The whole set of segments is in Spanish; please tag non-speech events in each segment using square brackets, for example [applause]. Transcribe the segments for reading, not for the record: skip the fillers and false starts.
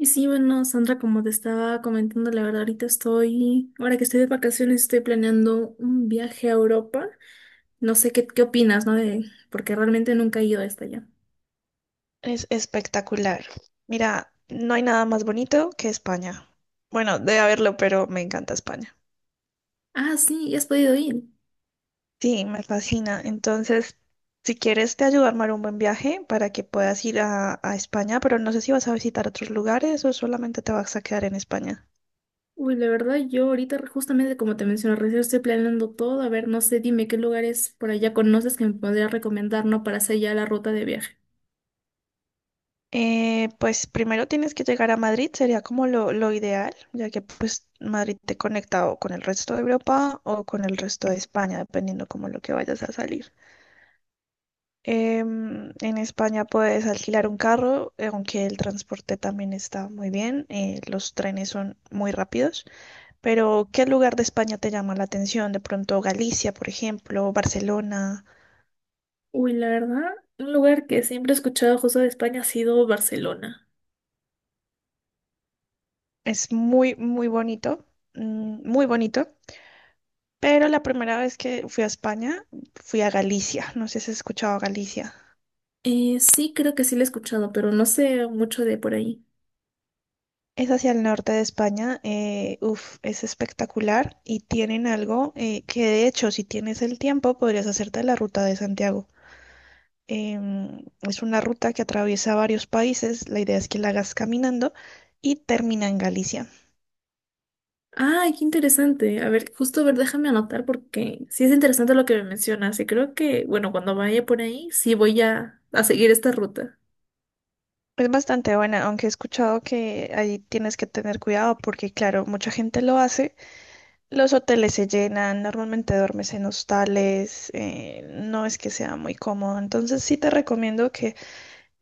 Y sí, bueno, Sandra, como te estaba comentando, la verdad, ahorita estoy, ahora que estoy de vacaciones, estoy planeando un viaje a Europa. No sé qué opinas, ¿no? De, porque realmente nunca he ido hasta allá. Es espectacular. Mira, no hay nada más bonito que España. Bueno, debe haberlo, pero me encanta España. Ah, sí, ya has podido ir. Sí, me fascina. Entonces, si quieres, te ayudo a armar un buen viaje para que puedas ir a España, pero no sé si vas a visitar otros lugares o solamente te vas a quedar en España. Uy, la verdad, yo ahorita, justamente como te mencioné, recién estoy planeando todo. A ver, no sé, dime qué lugares por allá conoces que me podrías recomendar, ¿no? Para hacer ya la ruta de viaje. Pues primero tienes que llegar a Madrid, sería como lo ideal, ya que pues Madrid te conecta o con el resto de Europa o con el resto de España, dependiendo como lo que vayas a salir. En España puedes alquilar un carro, aunque el transporte también está muy bien, los trenes son muy rápidos. Pero, ¿qué lugar de España te llama la atención? De pronto Galicia, por ejemplo, Barcelona. Uy, la verdad, un lugar que siempre he escuchado justo de España ha sido Barcelona. Es muy, muy bonito, muy bonito. Pero la primera vez que fui a España, fui a Galicia. No sé si has escuchado Galicia. Sí, creo que sí lo he escuchado, pero no sé mucho de por ahí. Es hacia el norte de España, uf, es espectacular y tienen algo que de hecho si tienes el tiempo podrías hacerte la ruta de Santiago. Es una ruta que atraviesa varios países, la idea es que la hagas caminando y termina en Galicia. Ay, qué interesante. A ver, justo, a ver, déjame anotar porque sí es interesante lo que me mencionas y creo que, bueno, cuando vaya por ahí, sí voy a seguir esta ruta. Es bastante buena, aunque he escuchado que ahí tienes que tener cuidado porque claro, mucha gente lo hace, los hoteles se llenan, normalmente duermes en hostales, no es que sea muy cómodo, entonces sí te recomiendo que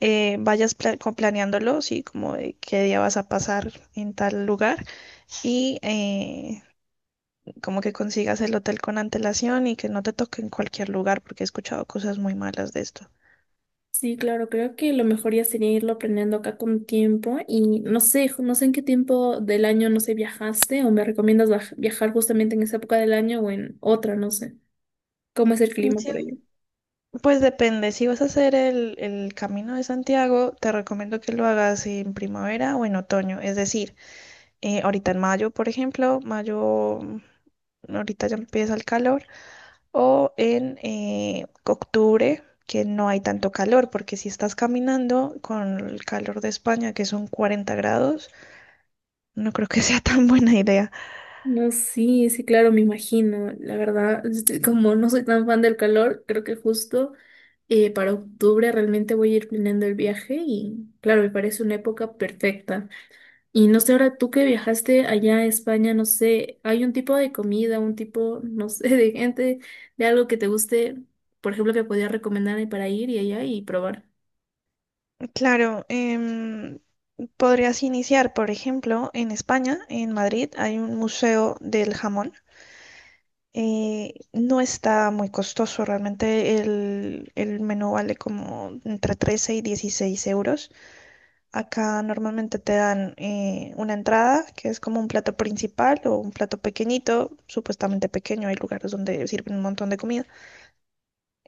vayas planeándolo, sí, como de qué día vas a pasar en tal lugar y como que consigas el hotel con antelación y que no te toque en cualquier lugar, porque he escuchado cosas muy malas de esto. Sí, claro, creo que lo mejor ya sería irlo planeando acá con tiempo y no sé, no sé en qué tiempo del año, no sé, viajaste o me recomiendas viajar justamente en esa época del año o en otra, no sé. ¿Cómo es el Mm, clima sí, por allá? pues depende, si vas a hacer el Camino de Santiago, te recomiendo que lo hagas en primavera o en otoño, es decir, ahorita en mayo, por ejemplo, mayo, ahorita ya empieza el calor, o en octubre, que no hay tanto calor, porque si estás caminando con el calor de España, que son 40 grados, no creo que [laughs] sea tan buena idea. No, sí, sí, claro, me imagino. La verdad, este, como no soy tan fan del calor, creo que justo. Para octubre realmente voy a ir planeando el viaje y claro, me parece una época perfecta. Y no sé, ahora tú que viajaste allá a España, no sé, ¿hay un tipo de comida, un tipo, no sé, [laughs] de gente, de algo que te guste, por ejemplo, que podías recomendarme para ir y allá y probar? Claro, podrías iniciar, por ejemplo, en España, en Madrid, hay un museo del jamón. No está muy costoso, realmente el menú vale como entre 13 y 16 euros. Acá normalmente te dan una entrada, que es como un plato principal o un plato pequeñito, supuestamente pequeño, hay lugares donde sirven un montón de comida.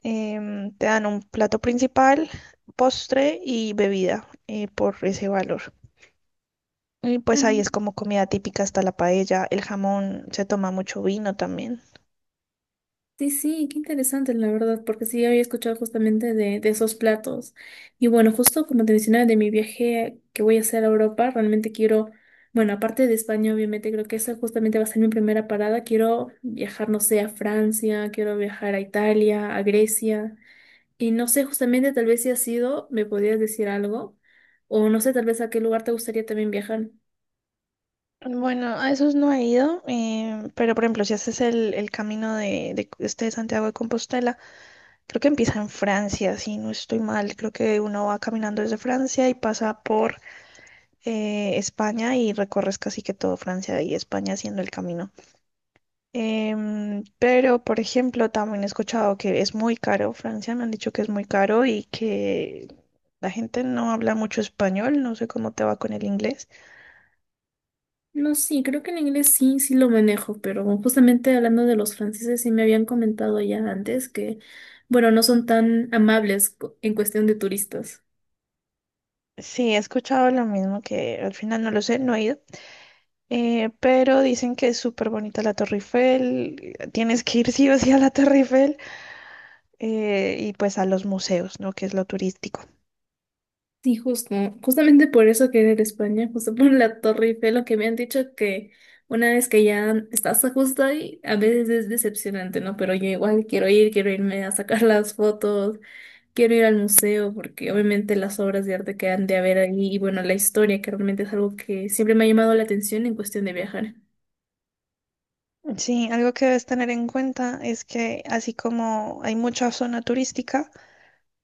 Te dan un plato principal, postre y bebida por ese valor. Y pues ahí es como comida típica, está la paella, el jamón, se toma mucho vino también. Sí, sí, qué interesante, la verdad, porque sí había escuchado justamente de esos platos. Y bueno, justo como te mencionaba de mi viaje que voy a hacer a Europa, realmente quiero, bueno, aparte de España, obviamente, creo que esa justamente va a ser mi primera parada. Quiero viajar, no sé, a Francia, quiero viajar a Italia, a Grecia. Y no sé, justamente, tal vez si has ido, me podrías decir algo. O no sé, tal vez a qué lugar te gustaría también viajar. Bueno, a esos no he ido, pero por ejemplo, si haces el camino de este de Santiago de Compostela, creo que empieza en Francia, si no estoy mal. Creo que uno va caminando desde Francia y pasa por España y recorres casi que todo Francia y España haciendo el camino. Pero, por ejemplo, también he escuchado que es muy caro Francia, me han dicho que es muy caro y que la gente no habla mucho español, no sé cómo te va con el inglés. No, sí, creo que el inglés sí, sí lo manejo, pero justamente hablando de los franceses, sí me habían comentado ya antes que, bueno, no son tan amables en cuestión de turistas. Sí, he escuchado lo mismo, que al final no lo sé, no he ido. Pero dicen que es súper bonita la Torre Eiffel, tienes que ir sí o sí a la Torre Eiffel. Y pues a los museos, ¿no? Que es lo turístico. Sí, justo, justamente por eso quería ir a España, justo por la Torre Eiffel, lo que me han dicho que una vez que ya estás justo ahí, a veces es decepcionante, ¿no? Pero yo igual quiero ir, quiero irme a sacar las fotos. Quiero ir al museo porque obviamente las obras de arte que han de haber ahí y bueno, la historia que realmente es algo que siempre me ha llamado la atención en cuestión de viajar. Sí, algo que debes tener en cuenta es que así como hay mucha zona turística,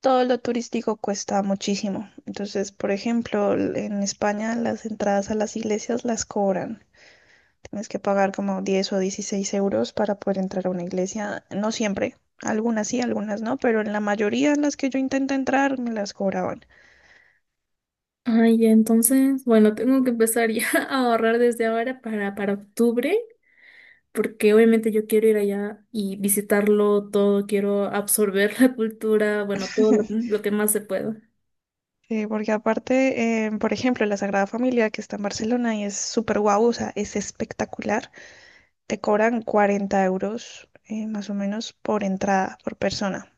todo lo turístico cuesta muchísimo. Entonces, por ejemplo, en España las entradas a las iglesias las cobran. Tienes que pagar como 10 o 16 euros para poder entrar a una iglesia. No siempre, algunas sí, algunas no, pero en la mayoría de las que yo intenté entrar me las cobraban. Ay, ya, entonces, bueno, tengo que empezar ya [laughs] a ahorrar desde ahora para octubre porque obviamente yo quiero ir allá y visitarlo todo, quiero absorber [laughs] la cultura, bueno, todo lo, [laughs] lo que más se pueda. Sí, porque aparte, por ejemplo, la Sagrada Familia que está en Barcelona y es súper guau, o sea, es espectacular. Te cobran 40 euros más o menos por entrada, por persona.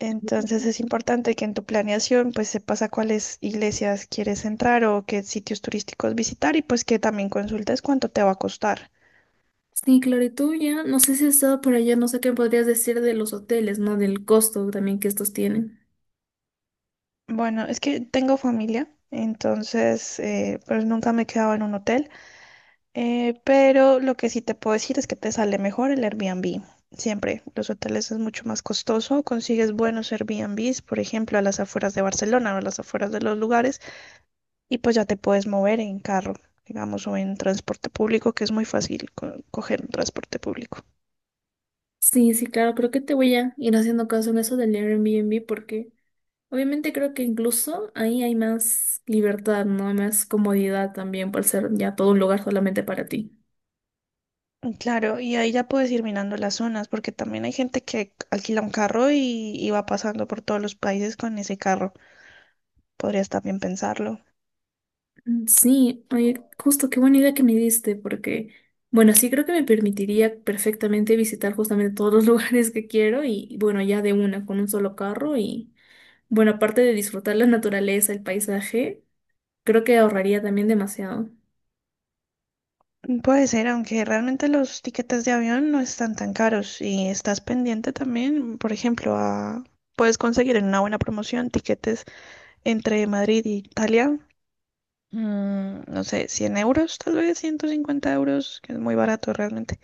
Entonces es importante que en tu planeación pues sepas a cuáles iglesias quieres entrar o qué sitios turísticos visitar y pues que también consultes cuánto te va a costar. Sí, claro, y tú ya, no sé si has estado por allá, no sé qué podrías decir de los hoteles, ¿no? Del costo también que estos tienen. Bueno, es que tengo familia, entonces pues nunca me he quedado en un hotel. Pero lo que sí te puedo decir es que te sale mejor el Airbnb. Siempre, los hoteles es mucho más costoso, consigues buenos Airbnbs, por ejemplo, a las afueras de Barcelona o a las afueras de los lugares, y pues ya te puedes mover en carro, digamos, o en transporte público, que es muy fácil coger un transporte público. Sí, sí, claro, creo que te voy a ir haciendo caso en eso del Airbnb porque obviamente creo que incluso ahí hay más libertad, ¿no? Hay más comodidad también por ser ya todo un lugar solamente para ti. Mm, claro, y ahí ya puedes ir mirando las zonas, porque también hay gente que alquila un carro y va pasando por todos los países con ese carro. Podrías también pensarlo. Mm, sí, oye, justo qué buena idea que me diste porque, bueno, sí creo que me permitiría perfectamente visitar justamente todos los [laughs] lugares que quiero y bueno, ya de una, con un solo carro y bueno, aparte de disfrutar la naturaleza, el paisaje, creo que ahorraría también demasiado. Mm, puede ser, aunque realmente los tiquetes de avión no están tan caros y estás pendiente también, por ejemplo, puedes conseguir en una buena promoción tiquetes entre Madrid y Italia, no sé, 100 euros, tal vez 150 euros, que es muy barato realmente.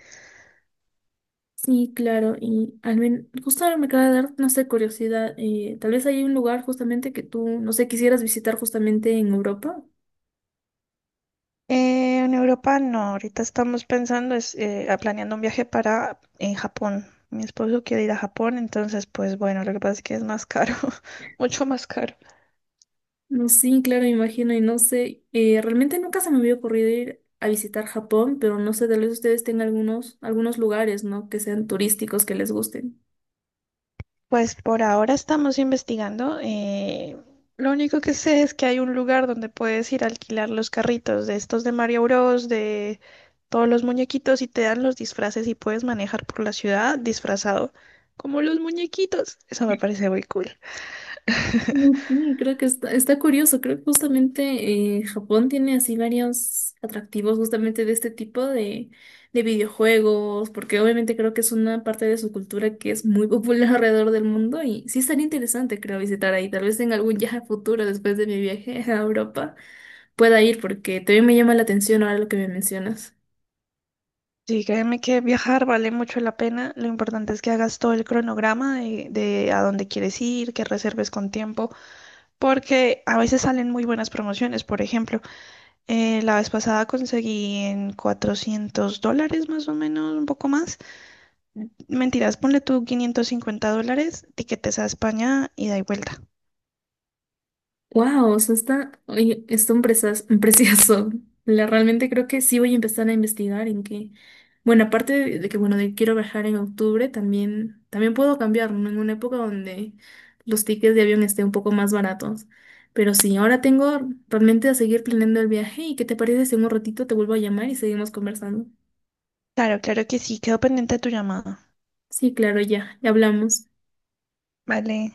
Sí, claro, y al menos, justo ahora me acaba de dar, no sé, curiosidad, tal vez hay un lugar justamente que tú, no sé, quisieras visitar justamente en Europa. En Europa no, ahorita estamos pensando, planeando un viaje para en Japón. Mi esposo quiere ir a Japón, entonces pues bueno, lo que pasa es que es más caro, [laughs] mucho más caro. No, sí, claro, me imagino, y no sé, realmente nunca se me había ocurrido ir a visitar Japón, pero no sé, tal vez ustedes tengan algunos, algunos lugares, ¿no? Que sean turísticos, que les gusten. Pues por ahora estamos investigando. Lo único que sé es que hay un lugar donde puedes ir a alquilar los carritos de estos de Mario Bros, de todos los muñequitos y te dan los disfraces y puedes manejar por la ciudad disfrazado como los muñequitos. Eso me parece muy cool. [laughs] Mm, sí, creo que está, está curioso. Creo que justamente Japón tiene así varios atractivos justamente de este tipo de videojuegos, porque obviamente creo que es una parte de su cultura que es muy popular [laughs] alrededor del mundo y sí estaría interesante, creo, visitar ahí. Tal vez en algún viaje futuro, después de mi viaje a Europa, pueda ir porque también me llama la atención ahora lo que me mencionas. Sí, créeme que viajar vale mucho la pena. Lo importante es que hagas todo el cronograma de a dónde quieres ir, que reserves con tiempo, porque a veces salen muy buenas promociones. Por ejemplo, la vez pasada conseguí en $400 más o menos, un poco más. Mentiras, ponle tú $550, tiquetes a España ida y da y vuelta. Wow, o sea, está, oye, está un precioso. [laughs] La, realmente creo que sí voy a empezar a investigar en que, bueno, aparte de que, bueno, de que quiero viajar en octubre, también puedo cambiar, ¿no? En una época donde los tickets de avión estén un poco más baratos. Pero sí, ahora tengo realmente a seguir planeando el viaje y ¿qué te parece si en un ratito te vuelvo a llamar y seguimos conversando? Claro, claro que sí, quedo pendiente de tu llamada. Sí, claro, ya, ya hablamos. Vale.